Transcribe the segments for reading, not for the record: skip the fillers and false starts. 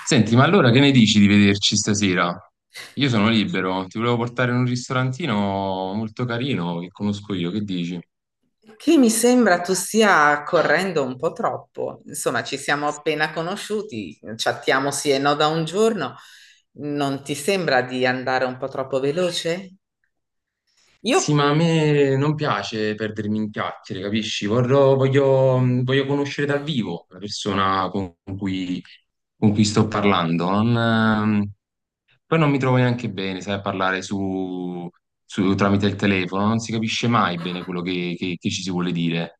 Senti, ma allora che ne dici di vederci stasera? Io sono libero, ti volevo portare in un ristorantino molto carino che conosco io, che dici? Che mi sembra tu stia correndo un po' troppo. Insomma, ci siamo appena conosciuti, chattiamo sì e no da un giorno. Non ti sembra di andare un po' troppo veloce? Io Sì, ma a me non piace perdermi in chiacchiere, capisci? Voglio conoscere dal vivo la persona con cui sto parlando. Non, poi non mi trovo neanche bene, sai, a parlare tramite il telefono, non si capisce mai bene quello che ci si vuole dire.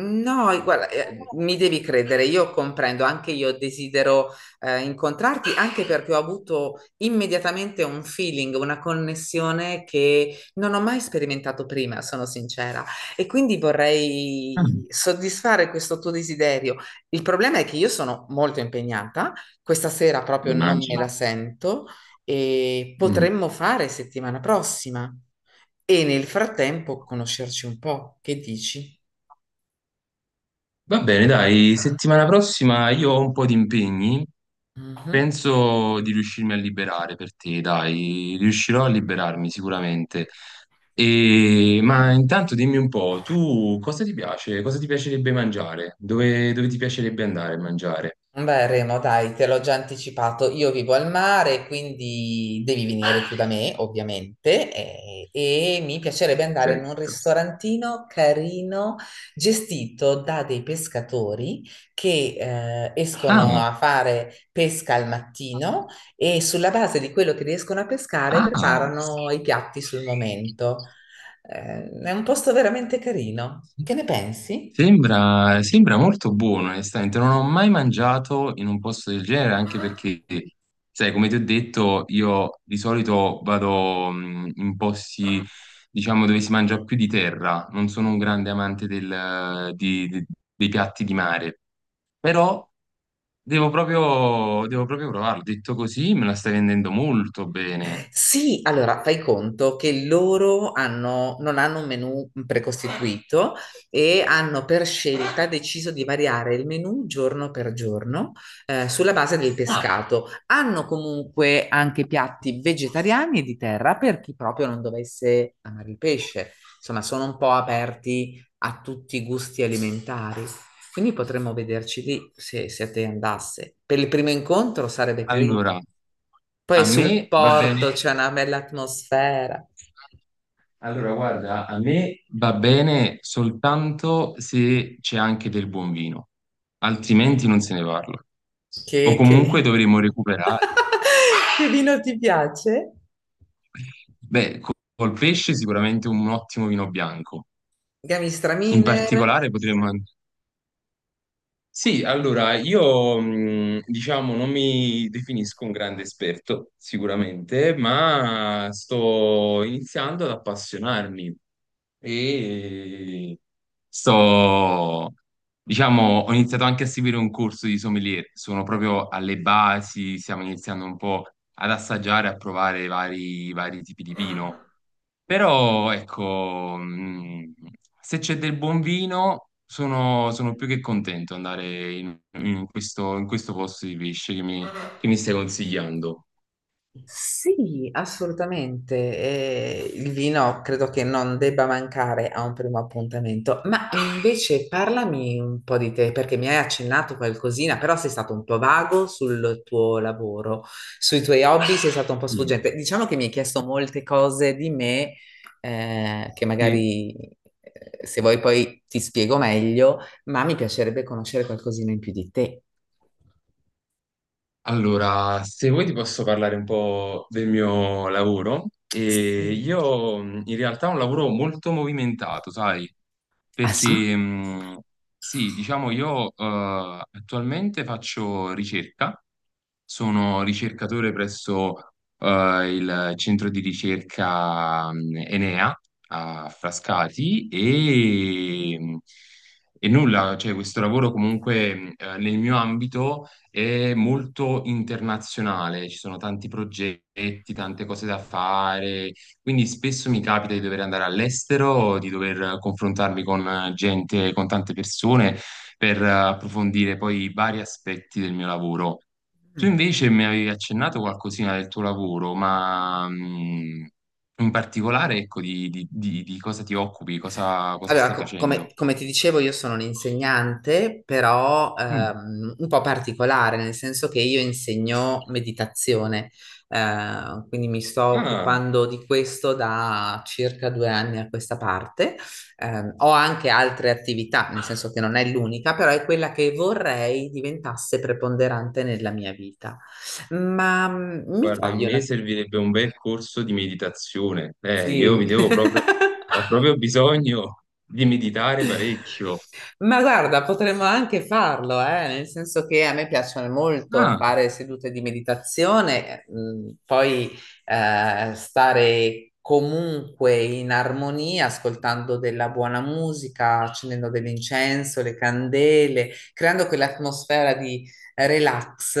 no, e guarda, mi devi credere, io comprendo, anche io desidero incontrarti, anche perché ho avuto immediatamente un feeling, una connessione che non ho mai sperimentato prima, sono sincera, e quindi Ah, vorrei soddisfare questo tuo desiderio. Il problema è che io sono molto impegnata, questa sera proprio non me immagino. la sento e Mm. potremmo fare settimana prossima e nel frattempo conoscerci un po', che dici? Va bene, dai, settimana prossima io ho un po' di impegni, Mhm. penso di riuscirmi a liberare per te, dai, riuscirò a liberarmi sicuramente. Ma intanto dimmi un po', tu cosa ti piace? Cosa ti piacerebbe mangiare? Dove ti piacerebbe andare a mangiare? Beh, Remo, dai, te l'ho già anticipato. Io vivo al mare, quindi devi venire qui da me, ovviamente, e mi piacerebbe andare in un Certo. ristorantino carino gestito da dei pescatori che escono Ah, a fare pesca al mattino e sulla base di quello che riescono a pescare ah. preparano i piatti sul momento. È un posto veramente carino. Che ne pensi? Sembra molto buono, onestamente. Non ho mai mangiato in un posto del genere, anche perché, sai, come ti ho detto, io di solito vado in posti, diciamo, dove si mangia più di terra. Non sono un grande amante dei piatti di mare, però devo proprio provarlo. Detto così, me la stai vendendo molto bene. Sì, allora fai conto che non hanno un menù precostituito e hanno per scelta deciso di variare il menù giorno per giorno, sulla base del Ah, pescato. Hanno comunque anche piatti vegetariani e di terra per chi proprio non dovesse amare il pesce. Insomma, sono un po' aperti a tutti i gusti alimentari. Quindi potremmo vederci lì se, se a te andasse. Per il primo incontro sarebbe carino. allora, Poi a sul me va porto bene. c'è una bella atmosfera. Allora, guarda, a me va bene soltanto se c'è anche del buon vino, altrimenti non se ne parla. O Che... comunque dovremo recuperare. che vino ti piace? Beh, col pesce sicuramente un ottimo vino bianco. In Gamistraminer? particolare potremmo... an- Sì, allora, io diciamo non mi definisco un grande esperto, sicuramente, ma sto iniziando ad appassionarmi. e sto, diciamo, ho iniziato anche a seguire un corso di sommelier, sono proprio alle basi, stiamo iniziando un po' ad assaggiare, a provare vari, vari tipi di vino, però ecco, se c'è del buon vino sono più che contento di andare in questo posto di pesce che mi stai consigliando. Sì, assolutamente. Il vino credo che non debba mancare a un primo appuntamento, ma invece parlami un po' di te, perché mi hai accennato qualcosina, però sei stato un po' vago sul tuo lavoro, sui tuoi hobby sei stato un po' Sì. sfuggente. Diciamo che mi hai chiesto molte cose di me, che Sì. magari, se vuoi poi ti spiego meglio, ma mi piacerebbe conoscere qualcosina in più di te. Allora, se vuoi ti posso parlare un po' del mio lavoro. E Sì. io in realtà ho un lavoro molto movimentato, sai, Ah sì? Ah, perché sì, diciamo io attualmente faccio ricerca, sono ricercatore presso eh, il centro di ricerca Enea a Frascati e nulla, cioè questo lavoro comunque nel mio ambito è molto internazionale, ci sono tanti progetti, tante cose da fare, quindi spesso mi capita di dover andare all'estero, di dover confrontarmi con gente, con tante persone per approfondire poi i vari aspetti del mio lavoro. Tu mm. invece mi avevi accennato qualcosina del tuo lavoro, ma in particolare, ecco, di cosa ti occupi, cosa Allora, stai come, facendo? come ti dicevo, io sono un'insegnante, però Mm. Un po' particolare, nel senso che io insegno meditazione, quindi mi sto Ah. occupando di questo da circa due anni a questa parte. Ho anche altre attività, nel senso che non è l'unica, però è quella che vorrei diventasse preponderante nella mia vita. Ma mm, mi Guarda, a togli me una... servirebbe un bel corso di meditazione. Io Sì. Ho proprio bisogno di meditare parecchio. Ma guarda, potremmo anche farlo, nel senso che a me piacciono molto Ah, fare sedute di meditazione, poi, stare comunque in armonia, ascoltando della buona musica, accendendo dell'incenso, le candele, creando quell'atmosfera di relax,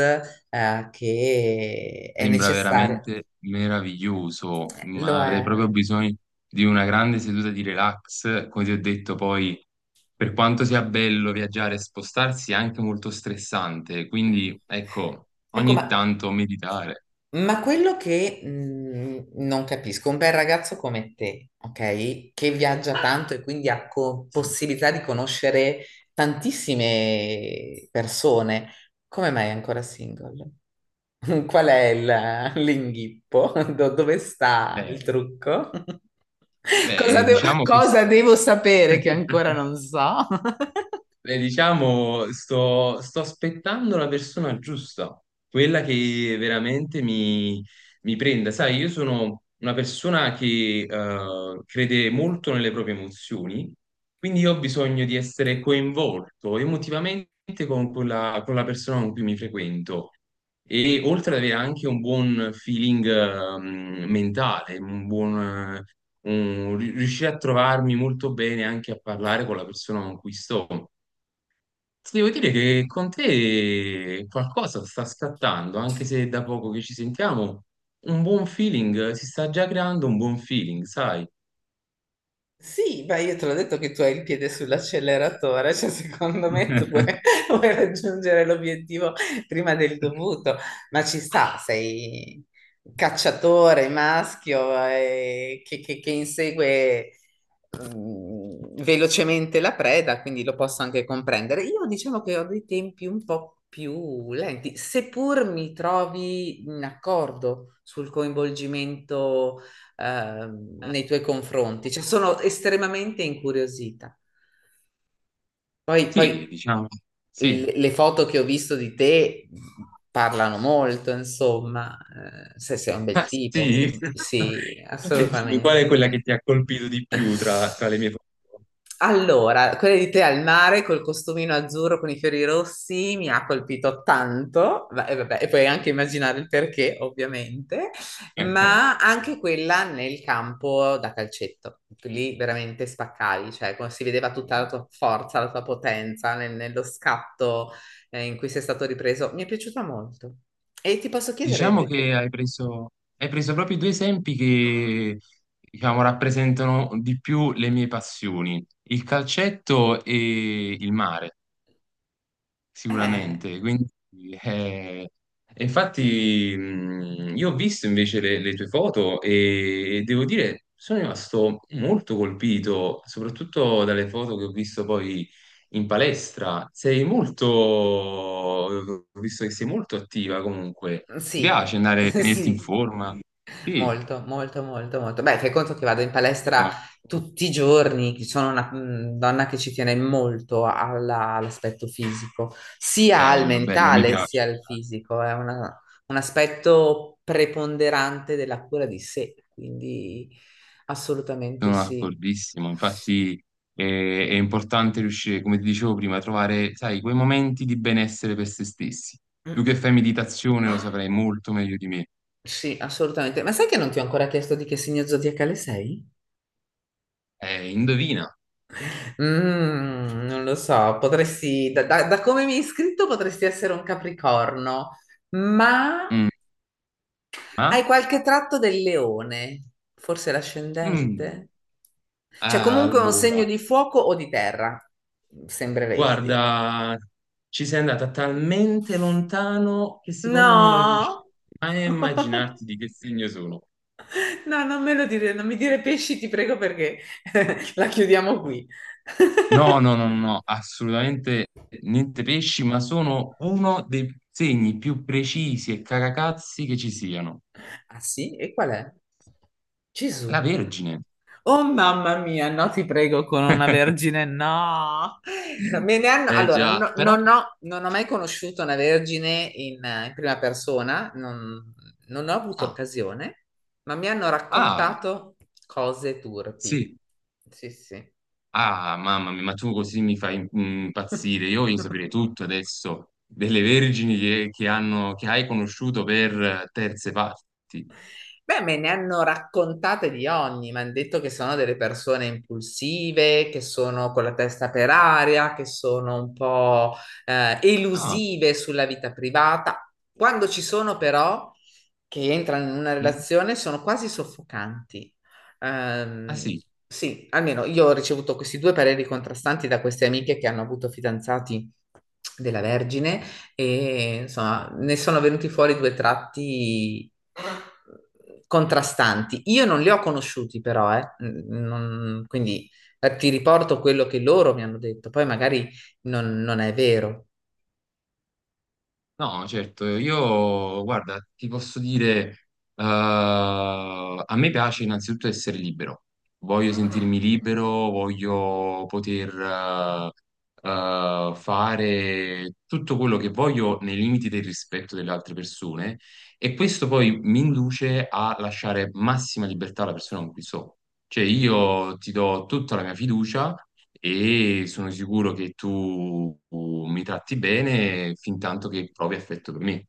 che è sembra necessaria. veramente meraviglioso, ma Lo avrei è. proprio bisogno di una grande seduta di relax. Come ti ho detto, poi, per quanto sia bello viaggiare e spostarsi, è anche molto stressante. Quindi, ecco, Ecco, ma ogni tanto meditare. Ma quello che non capisco, un bel ragazzo come te, ok? Che viaggia tanto e quindi Sì. possibilità di conoscere tantissime persone, come mai è ancora single? Qual è l'inghippo? Dove sta Eh, il trucco? Cosa beh, devo, diciamo che... cosa devo sapere che ancora non so? Diciamo, sto aspettando la persona giusta, quella che veramente mi prenda. Sai, io sono una persona che crede molto nelle proprie emozioni, quindi io ho bisogno di essere coinvolto emotivamente con la persona con cui mi frequento. E oltre ad avere anche un buon feeling mentale, riuscire a trovarmi molto bene anche a parlare con la persona con cui sto. Ti devo dire che con te qualcosa sta scattando, anche se è da poco che ci sentiamo, un buon feeling, si sta già creando un buon feeling, sai? Sì, beh, io te l'ho detto che tu hai il piede sull'acceleratore, cioè secondo me tu vuoi, vuoi raggiungere l'obiettivo prima del dovuto, ma ci sta, sei cacciatore, maschio, che insegue mm, velocemente la preda, quindi lo posso anche comprendere. Io diciamo che ho dei tempi un po' più lenti, seppur mi trovi in accordo sul coinvolgimento nei tuoi confronti, cioè sono estremamente incuriosita. Poi Sì, diciamo, sì. le foto che ho visto di te parlano molto, insomma, se sei un bel Ah, tipo, sì. sì, E dimmi, qual è assolutamente. quella che ti ha colpito di più tra le mie foto? Allora, quella di te al mare col costumino azzurro con i fiori rossi mi ha colpito tanto, vabbè, e puoi anche immaginare il perché, ovviamente, Eh, eh, ma anche sì, quella nel campo da calcetto. Lì veramente spaccavi, cioè come si vedeva sì, tutta la sì. tua forza, la tua potenza nello scatto, in cui sei stato ripreso. Mi è piaciuta molto. E ti posso chiedere Diciamo invece? che hai preso proprio due esempi che, diciamo, rappresentano di più le mie passioni, il calcetto e il mare. Eh, Sicuramente, quindi eh, infatti io ho visto invece le tue foto e devo dire sono rimasto molto colpito, soprattutto dalle foto che ho visto poi in palestra. Ho visto che sei molto attiva comunque. Ti sì, piace andare a tenerti in sì. forma? Sì. Molto, molto, molto, molto. Beh, fai conto che vado in palestra Ma- tutti i giorni, sono una mm, donna che ci tiene molto all'aspetto fisico, sia al Bello, bello, mi mentale piace. sia al fisico, è una un aspetto preponderante della cura di sé, quindi assolutamente Sono sì. d'accordissimo, infatti è importante riuscire, come ti dicevo prima, a trovare, sai, quei momenti di benessere per se stessi. Mm, Tu che fai mm. meditazione lo saprai molto meglio di me. Sì, assolutamente. Ma sai che non ti ho ancora chiesto di che segno zodiacale sei? Indovina. Mm, non lo so, potresti, da come mi hai iscritto potresti essere un capricorno, ma Mm, hai ma? qualche tratto del leone, forse Mm, l'ascendente? Cioè comunque un segno allora, di fuoco o di terra, sembreresti. guarda, ci sei andata talmente lontano che secondo me non No, riuscirai mai a immaginarti di che segno sono. no, non me lo dire, non mi dire pesci, ti prego, perché la chiudiamo qui. No, no, no, no, no, assolutamente niente pesci, ma sono uno dei segni più precisi e caracazzi che ci siano. Ah sì? E qual è? La Gesù. Vergine. Oh mamma mia, no, ti prego, con una vergine, no. No, me ne hanno- Eh allora, già, no- però... non ho, non ho mai conosciuto una vergine in, in prima persona, non, non ho avuto Ah, occasione, ma mi hanno ah, raccontato cose turpi. sì. Sì, sì. Ah, mamma mia, ma tu così mi fai impazzire. Io voglio sapere tutto adesso delle Vergini che hai conosciuto per terze parti. Beh, me ne hanno raccontate di ogni, mi hanno detto che sono delle persone impulsive, che sono con la testa per aria, che sono un po', Ah, elusive sulla vita privata. Quando ci sono però, che entrano in una mm, relazione, sono quasi soffocanti. ah, Ehm, sì. sì, almeno io ho ricevuto questi due pareri contrastanti da queste amiche che hanno avuto fidanzati della Vergine e insomma ne sono venuti fuori due tratti contrastanti. Io non li ho conosciuti però, eh. Quindi, ti riporto quello che loro mi hanno detto, poi magari non, non è vero. No, certo, io guarda, ti posso dire, eh, a me piace innanzitutto essere libero, voglio sentirmi libero, voglio poter fare tutto quello che voglio nei limiti del rispetto delle altre persone e questo poi mi induce a lasciare massima libertà alla persona con cui sto. Cioè io ti do tutta la mia fiducia e sono sicuro che tu mi tratti bene fin tanto che provi affetto per me.